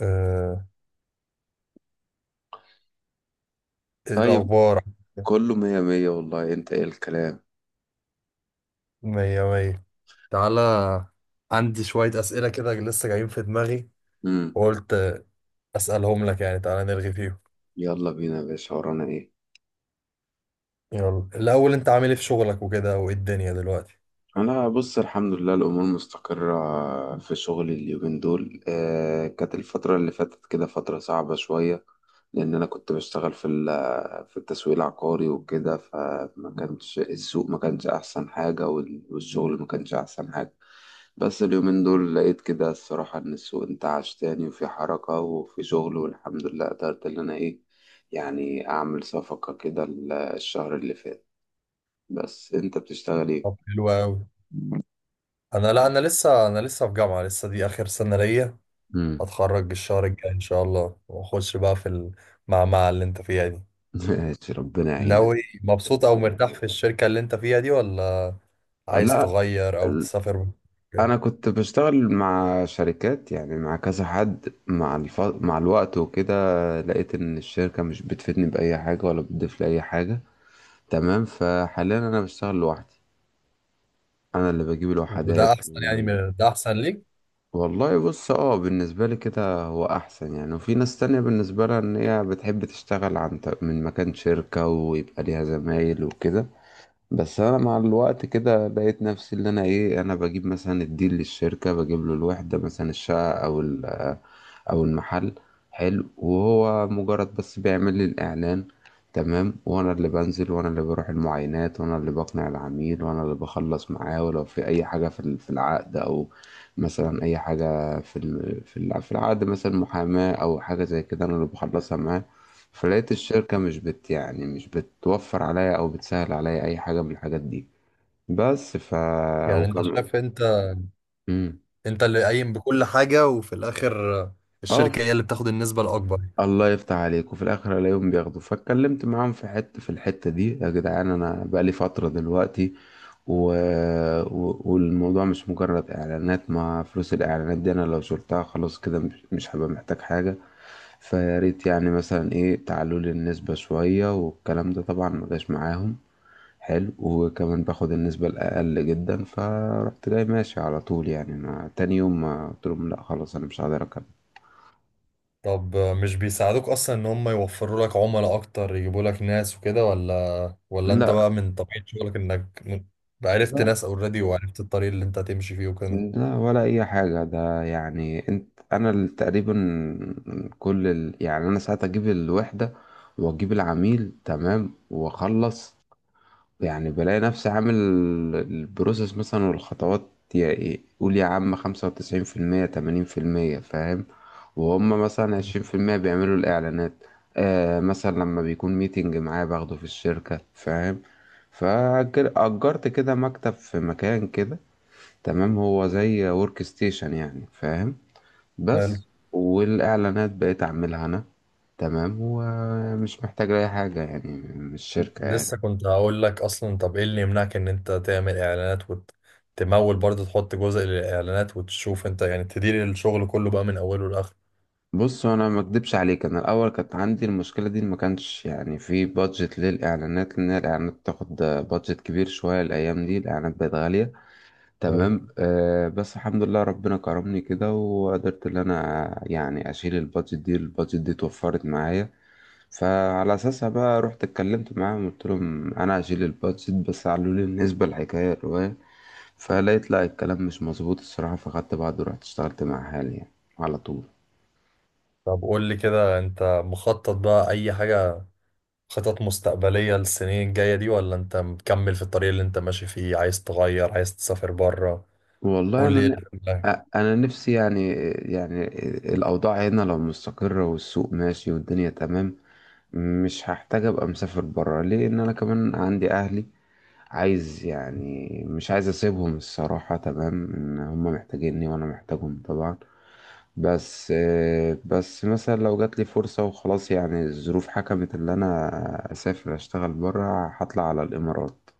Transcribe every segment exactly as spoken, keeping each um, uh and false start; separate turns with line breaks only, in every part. آه، إيه
طيب،
الأخبار؟
كله مية مية. والله انت ايه الكلام؟
مية مية. تعالى، عندي شوية أسئلة كده لسه جايين في دماغي
امم.
وقلت آه، أسألهم لك، يعني تعالى نرغي فيهم.
يلا بينا يا باشا، ورانا ايه؟
يلا، الأول أنت عامل إيه في شغلك وكده، وإيه الدنيا دلوقتي؟
انا بص، الحمد لله الامور مستقره في شغلي اليومين دول. آه، كانت الفتره اللي فاتت كده فتره صعبه شويه، لان انا كنت بشتغل في ال- في التسويق العقاري وكده، فما كانش السوق ما كانش احسن حاجه، وال- والشغل ما كانش احسن حاجه. بس اليومين دول لقيت كده الصراحه ان السوق انتعش تاني وفي حركه وفي شغل، والحمد لله قدرت ان انا ايه، يعني اعمل صفقه كده ال- الشهر اللي فات. بس انت بتشتغل
طب
ايه؟
حلو أوي. أنا لا أنا لسه أنا لسه في جامعة، لسه دي آخر سنة ليا.
مم.
هتخرج الشهر الجاي إن شاء الله وأخش بقى في المعمعة اللي أنت فيها دي.
ماشي، ربنا يعينك.
ناوي، مبسوط أو مرتاح في الشركة اللي أنت فيها دي، ولا عايز
لا،
تغير أو
ال-
تسافر كده؟
انا كنت بشتغل مع شركات، يعني مع كذا حد، مع الف... مع الوقت وكده، لقيت ان الشركة مش بتفيدني بأي حاجة ولا بتضيف لي اي حاجة. تمام، فحاليا انا بشتغل لوحدي. انا اللي بجيب الوحدات
وده احسن، يعني
و...
من- ده احسن ليك.
والله بص اه، بالنسبة لي كده هو احسن يعني، وفي ناس تانية بالنسبة لها ان هي بتحب تشتغل عن ط- من مكان شركة ويبقى ليها زمايل وكده. بس انا مع الوقت كده لقيت نفسي اللي انا ايه، انا بجيب مثلا الديل للشركة، بجيب له الوحدة، مثلا الشقة او ال- او المحل. حلو، وهو مجرد بس بيعمل لي الاعلان. تمام، وانا اللي بنزل وانا اللي بروح المعاينات وانا اللي بقنع العميل وانا اللي بخلص معاه، ولو في اي حاجة في ال- في العقد، او مثلا اي حاجة في ال- في الع- في العقد، مثلا محاماة او حاجة زي كده، انا اللي بخلصها معاه. فلقيت الشركة مش بت يعني مش بتوفر عليا أو بتسهل عليا أي حاجة من الحاجات دي. بس ف
يعني انت
وكم.
شايف، انت
مم.
انت اللي قايم بكل حاجة، وفي الاخر آه،
اه ف-
الشركة هي اللي بتاخد النسبة الاكبر.
الله يفتح عليك، وفي الآخر ألاقيهم بياخدوا، فاتكلمت معاهم في حتة، في الحتة دي يا جدعان أنا بقالي فترة دلوقتي و... و... والموضوع مش مجرد إعلانات، ما فلوس الإعلانات دي أنا لو شلتها خلاص كده مش مش هبقى محتاج حاجة. فياريت يعني مثلا إيه، تعالوا لي النسبة شوية. والكلام ده طبعا ما جاش معاهم. حلو، وكمان باخد النسبة الأقل جدا، فرحت جاي ماشي على طول يعني، ما تاني يوم ما قلت لهم لا خلاص أنا مش هقدر أكمل.
طب، آه، مش بيساعدوك اصلا ان هم يوفروا لك عملاء اكتر، يجيبوا لك ناس وكده، ولا ولا انت
لا
بقى من طبيعة شغلك انك م- عرفت
لا.
ناس اوريدي، وعرفت الطريق اللي انت هتمشي فيه وكده؟
لا ولا أي حاجة، ده يعني أنت أنا ال- تقريبا كل ال... يعني أنا ساعات أجيب الوحدة وأجيب العميل، تمام، وأخلص. يعني بلاقي نفسي عامل البروسيس مثلا والخطوات، يا إيه، قول يا عم خمسة وتسعين في المية، تمانين في المية، فاهم؟ وهم مثلا عشرين في المية بيعملوا الإعلانات. آه مثلا لما بيكون ميتنج معايا باخده في الشركة فاهم، فأجرت كده مكتب في مكان كده، تمام، هو زي ورك ستيشن يعني، فاهم؟
حلو.
بس. والإعلانات بقيت أعملها أنا، تمام، ومش محتاج أي حاجة يعني من الشركة.
لسه كنت هقول لك اصلا، طب ايه اللي يمنعك ان انت تعمل اعلانات وتمول برضه، تحط جزء للاعلانات وتشوف انت، يعني تدير الشغل كله بقى من اوله لاخره.
بص انا ما اكدبش عليك، انا الاول كانت عندي المشكله دي، ما كانش يعني في بادجت للاعلانات، لان الاعلانات بتاخد بادجت كبير شويه. الايام دي الاعلانات بقت غاليه، تمام. آه بس الحمد لله ربنا كرمني كده، وقدرت ان انا يعني اشيل البادجت دي. البادجت دي اتوفرت معايا، فعلى اساسها بقى رحت اتكلمت معاهم، قلت لهم انا هشيل البادجت، بس قالوا لي بالنسبه للحكايه الروايه، فلقيت لا الكلام مش مظبوط الصراحه، فخدت بعض ورحت اشتغلت مع حالي يعني على طول.
طب قول لي كده، انت مخطط بقى اي حاجة، خطط مستقبلية للسنين الجاية دي، ولا انت مكمل في الطريق اللي انت ماشي فيه؟ عايز تغير، عايز تسافر بره؟
والله
قول لي ايه
انا
اللي في
أ-
دماغك.
انا نفسي يعني، يعني الاوضاع هنا لو مستقره والسوق ماشي والدنيا تمام، مش هحتاج ابقى مسافر بره، ليه؟ ان انا كمان عندي اهلي، عايز يعني، مش عايز اسيبهم الصراحه، تمام، ان هم محتاجيني وانا محتاجهم طبعا. بس، بس مثلا لو جات لي فرصه وخلاص يعني، الظروف حكمت ان انا اسافر اشتغل بره، هطلع على الامارات.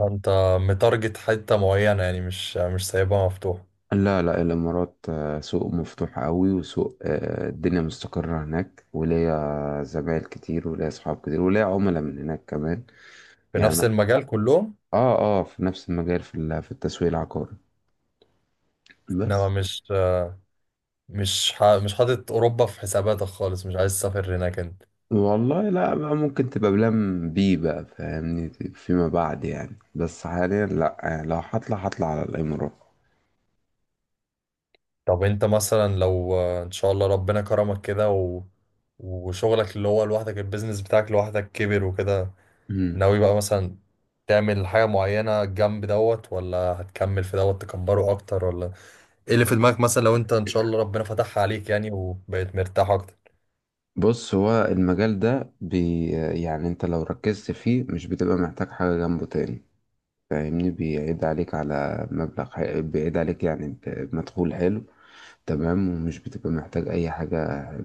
انت متارجت حتة معينة يعني، مش مش سايبها مفتوحة؟
لا لا، الإمارات آه، سوق مفتوح قوي، وسوق آه، الدنيا مستقرة هناك، وليا زمايل كتير وليا أصحاب كتير وليا عملاء من هناك كمان.
في
يعني
نفس المجال كلهم؟
اه، اه، في نفس المجال في ال- في التسويق العقاري.
انما
بس.
مش مش ح- مش حاطط اوروبا في حساباتك خالص؟ مش عايز تسافر هناك انت؟
والله لا بقى، ممكن تبقى بلان بي بقى فاهمني، فيما بعد يعني، بس حاليا لا يعني، لو هطلع هطلع على الإمارات.
طب انت مثلا لو آه، ان شاء الله ربنا كرمك كده، و... وشغلك اللي هو لوحدك، البيزنس بتاعك لوحدك كبر وكده،
مم.
ناوي بقى مثلا تعمل حاجة معينة جنب دوت، ولا هتكمل في دوت تكبره أكتر؟ ولا إيه اللي في دماغك مثلا لو أنت إن شاء الله ربنا فتحها عليك يعني وبقيت مرتاح أكتر؟
بص هو المجال ده بي، يعني انت لو ركزت فيه مش بتبقى محتاج حاجة جنبه تاني، فاهمني؟ بيعيد عليك على مبلغ حي... بيعيد عليك يعني ب- بمدخول حلو، تمام، ومش بتبقى محتاج اي حاجة. حلو.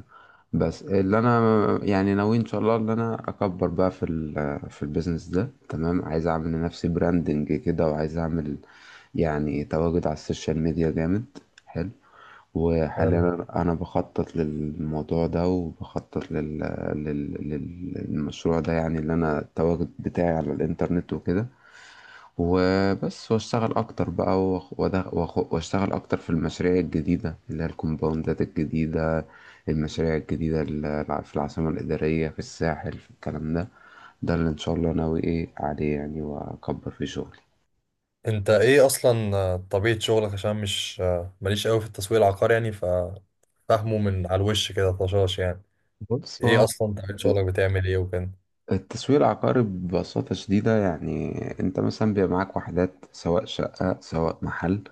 بس اللي انا يعني ناوي ان شاء الله ان انا اكبر بقى في ال... في البيزنس ده، تمام، عايز اعمل لنفسي براندنج كده، وعايز اعمل يعني تواجد على السوشيال ميديا جامد. حلو. وحاليا
حلو.
انا أنا بخطط للموضوع ده، وبخطط لل... لل... لل- للمشروع ده، يعني اللي انا التواجد بتاعي على الانترنت وكده. وبس واشتغل اكتر بقى، وأخ- وأدغ- وأخ- واشتغل اكتر في المشاريع الجديده اللي هي الكومباوندات الجديده، المشاريع الجديده الع- في العاصمه الاداريه، في الساحل، في الكلام ده. ده اللي ان شاء الله ناوي ايه عليه يعني، واكبر في شغلي.
أنت إيه أصلا آه، طبيعة شغلك، عشان مش آه، ماليش قوي في التسويق العقاري، يعني ففهمه من على الوش كده طشاش يعني.
بص
إيه
هو
أصلا طبيعة شغلك، بتعمل إيه وكده؟
التسويق العقاري ببساطه شديده يعني، انت مثلا بيبقى معاك وحدات، سواء شقه سواء محل،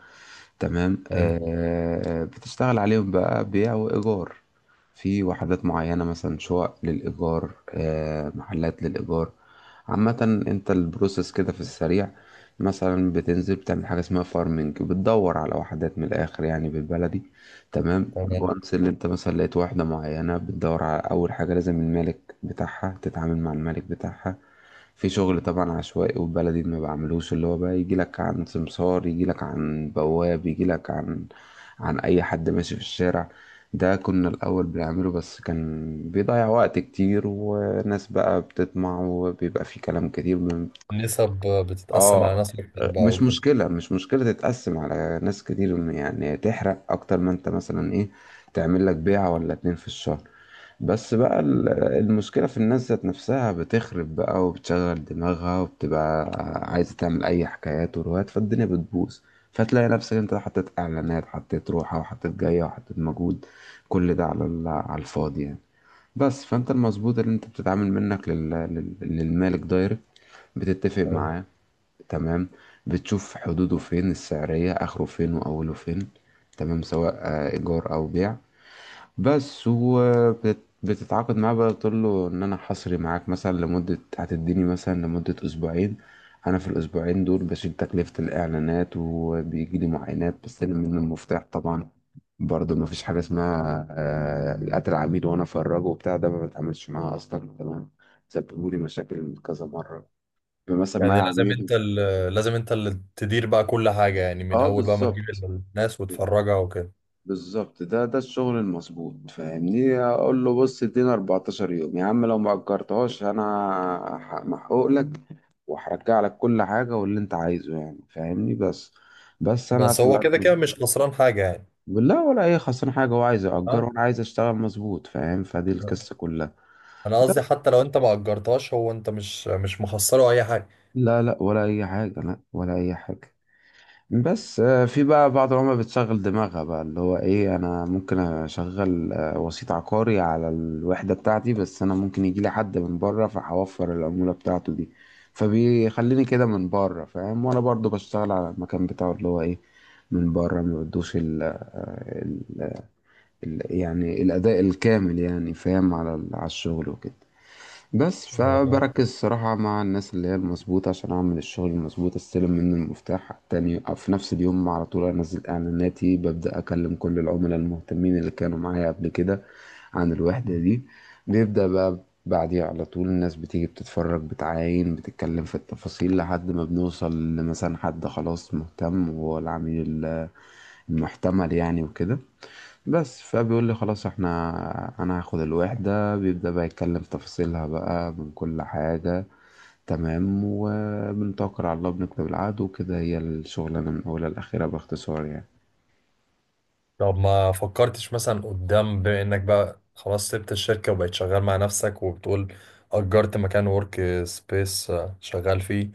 تمام،
حلو.
آه بتشتغل عليهم بقى بيع وإيجار. في وحدات معينة، مثلا شقق للإيجار، آه، محلات للإيجار عامة. انت البروسيس كده في السريع، مثلا بتنزل بتعمل حاجة اسمها فارمنج، بتدور على وحدات، من الآخر يعني بالبلدي، تمام.
تمام.
وانس اللي انت مثلا لقيت واحدة معينة بتدور على، أول حاجة لازم المالك بتاعها، تتعامل مع المالك بتاعها. في شغل طبعا عشوائي وبلدي ما بعملوش، اللي هو بقى يجي لك عن سمسار، يجي لك عن بواب، يجي لك عن، عن اي حد ماشي في الشارع. ده كنا الاول بنعمله، بس كان بيضيع وقت كتير، وناس بقى بتطمع وبيبقى في كلام كتير من،
النسب آه، بتتقسم على
اه.
ناس أكتر بقى
مش
وكده؟
مشكلة، مش مشكلة تتقسم على ناس كتير يعني، تحرق اكتر ما انت مثلا ايه، تعمل لك بيعة ولا اتنين في الشهر. بس بقى ال- المشكلة في الناس ذات نفسها، بتخرب بقى وبتشغل دماغها وبتبقى عايزة تعمل أي حكايات وروايات، فالدنيا بتبوظ. فتلاقي نفسك أنت حطيت إعلانات، حطيت روحة وحطيت جاية وحطيت مجهود، كل ده على ال- على الفاضي يعني. بس، فأنت المظبوط اللي أنت بتتعامل منك لل... لل... للمالك دايركت، بتتفق
حلو.
معاه، تمام، بتشوف حدوده فين، السعرية آخره فين وأوله فين، تمام، سواء آه، إيجار أو بيع. بس، وبتتعاقد معاه بقى تقول له ان انا حصري معاك مثلا لمدة، هتديني مثلا لمدة اسبوعين. انا في الاسبوعين دول بشيل تكلفة الاعلانات، وبيجي لي معاينات، بستلم منه المفتاح طبعا. برضه ما فيش حاجة اسمها آه، قتل عميل وانا افرجه وبتاع، ده ما بتعاملش معاه اصلا كمان، سببوا لي مشاكل كذا مرة. مثلا
يعني
معايا
لازم
عميل،
انت ال- لازم انت اللي تدير بقى كل حاجة، يعني من
اه
اول بقى ما تجيب
بالظبط
الناس وتفرجها وكده؟
بالظبط. ده ده الشغل المظبوط فاهمني، اقول له بص ادينا 14 يوم يا عم، لو ما اجرتهاش انا ح- محقوق لك، وهرجع لك كل حاجه واللي انت عايزه يعني، فاهمني؟ بس، بس انا
بس
في
هو كده
الأرض-
كده مش خسران حاجة يعني.
بالله، ولا اي خسران حاجه، هو عايز
ها.
يأجر وانا عايز اشتغل مظبوط، فاهم؟ فدي القصه كلها.
انا قصدي
بس.
حتى لو انت ما اجرتهاش، هو انت مش مش مخسره اي حاجة.
لا لا، ولا اي حاجه، لا ولا اي حاجه. بس آه، في بقى بعض العملاء بتشغل دماغها بقى، اللي هو ايه، انا ممكن اشغل آه، وسيط عقاري على الوحدة بتاعتي، بس انا ممكن يجي لي حد من بره فهوفر العمولة بتاعته دي، فبيخليني كده من بره فاهم، وانا برضو بشتغل على المكان بتاعه اللي هو ايه، من بره ما بدوش ال آه، ال- ال- يعني الاداء الكامل يعني، فاهم؟ على ال- على الشغل وكده. بس،
آه.
فبركز الصراحة مع الناس اللي هي المظبوطة عشان أعمل الشغل المظبوط، أستلم منه المفتاح على التاني في نفس اليوم، على طول أنزل إعلاناتي، ببدأ أكلم كل العملاء المهتمين اللي كانوا معايا قبل كده عن الوحدة دي. بيبدأ بقى بعديها على طول، الناس بتيجي بتتفرج بتعاين بتتكلم في التفاصيل، لحد ما بنوصل لمثلا حد خلاص مهتم، وهو العميل المحتمل يعني وكده. بس، فبيقول لي خلاص احنا، انا هاخد الوحدة، بيبدأ بقى يتكلم في تفاصيلها بقى من كل حاجة، تمام، وبنتوكل على الله بنكتب العقد وكده. هي الشغلانة من أولها لآخرها باختصار يعني.
طب ما فكرتش مثلا قدام، بما انك بقى خلاص سبت الشركة وبقيت شغال مع نفسك، وبتقول اجرت مكان ورك سبيس شغال فيه،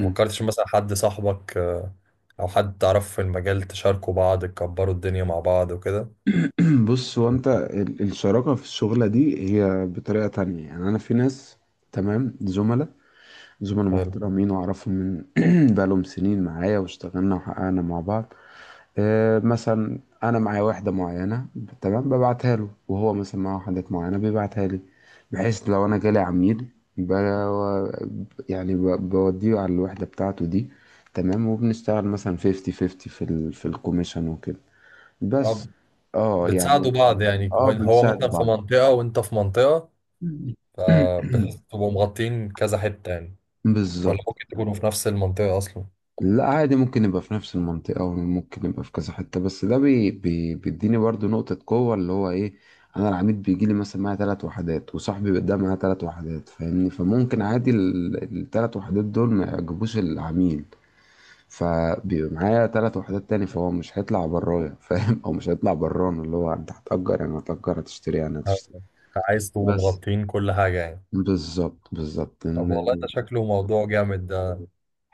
ما فكرتش مثلا حد صاحبك آه، او حد تعرفه في المجال، تشاركوا بعض، تكبروا الدنيا مع بعض وكده؟
بص هو انت ال- الشراكة في الشغلة دي هي بطريقة تانية يعني، انا في ناس، تمام، زملاء، زملاء
حلو.
محترمين واعرفهم من بقالهم سنين، معايا واشتغلنا وحققنا مع بعض. آه، مثلا انا معايا واحده معينه، تمام، ببعتها له، وهو مثلا معاه وحدات معينه بيبعتها لي، بحيث لو انا جالي عميل ب... يعني ب... بوديه على الوحده بتاعته دي، تمام، وبنشتغل مثلا خمسين خمسين في ال... في الكوميشن وكده. بس.
اه،
اه
بتساعدوا
يعني.
بعض يعني،
اه
كون- هو
بنساعد
مثلا في
بعض.
منطقة وانت في منطقة، فبتبقوا مغطين كذا حتة يعني؟ ولا
بالظبط.
ممكن تكونوا في نفس المنطقة أصلا؟
لا عادي، ممكن يبقى في نفس المنطقة، وممكن يبقى في كذا حتة، بس ده بي بي بيديني برضو نقطة قوة اللي هو ايه، انا العميد بيجي لي مثلا معايا ثلاث وحدات، وصاحبي ده معاه ثلاث وحدات، فاهمني؟ فممكن عادي الثلاث وحدات دول ما يعجبوش العميل، فبيبقى معايا ثلاث وحدات تاني، فهو مش هيطلع برايا فاهم، او مش هيطلع برانا، اللي هو انت هتأجر يعني هتأجر، هتشتري يعني هتشتري.
عايز تبقوا
بس،
مغطين كل حاجة يعني؟
بالظبط بالظبط
طب والله
إن-
ده شكله موضوع جامد ده.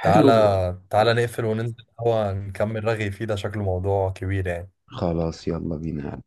حلو.
تعالى، تعالى نقفل وننزل هو، نكمل رغي فيه، ده شكله موضوع كبير يعني.
خلاص، يلا بينا.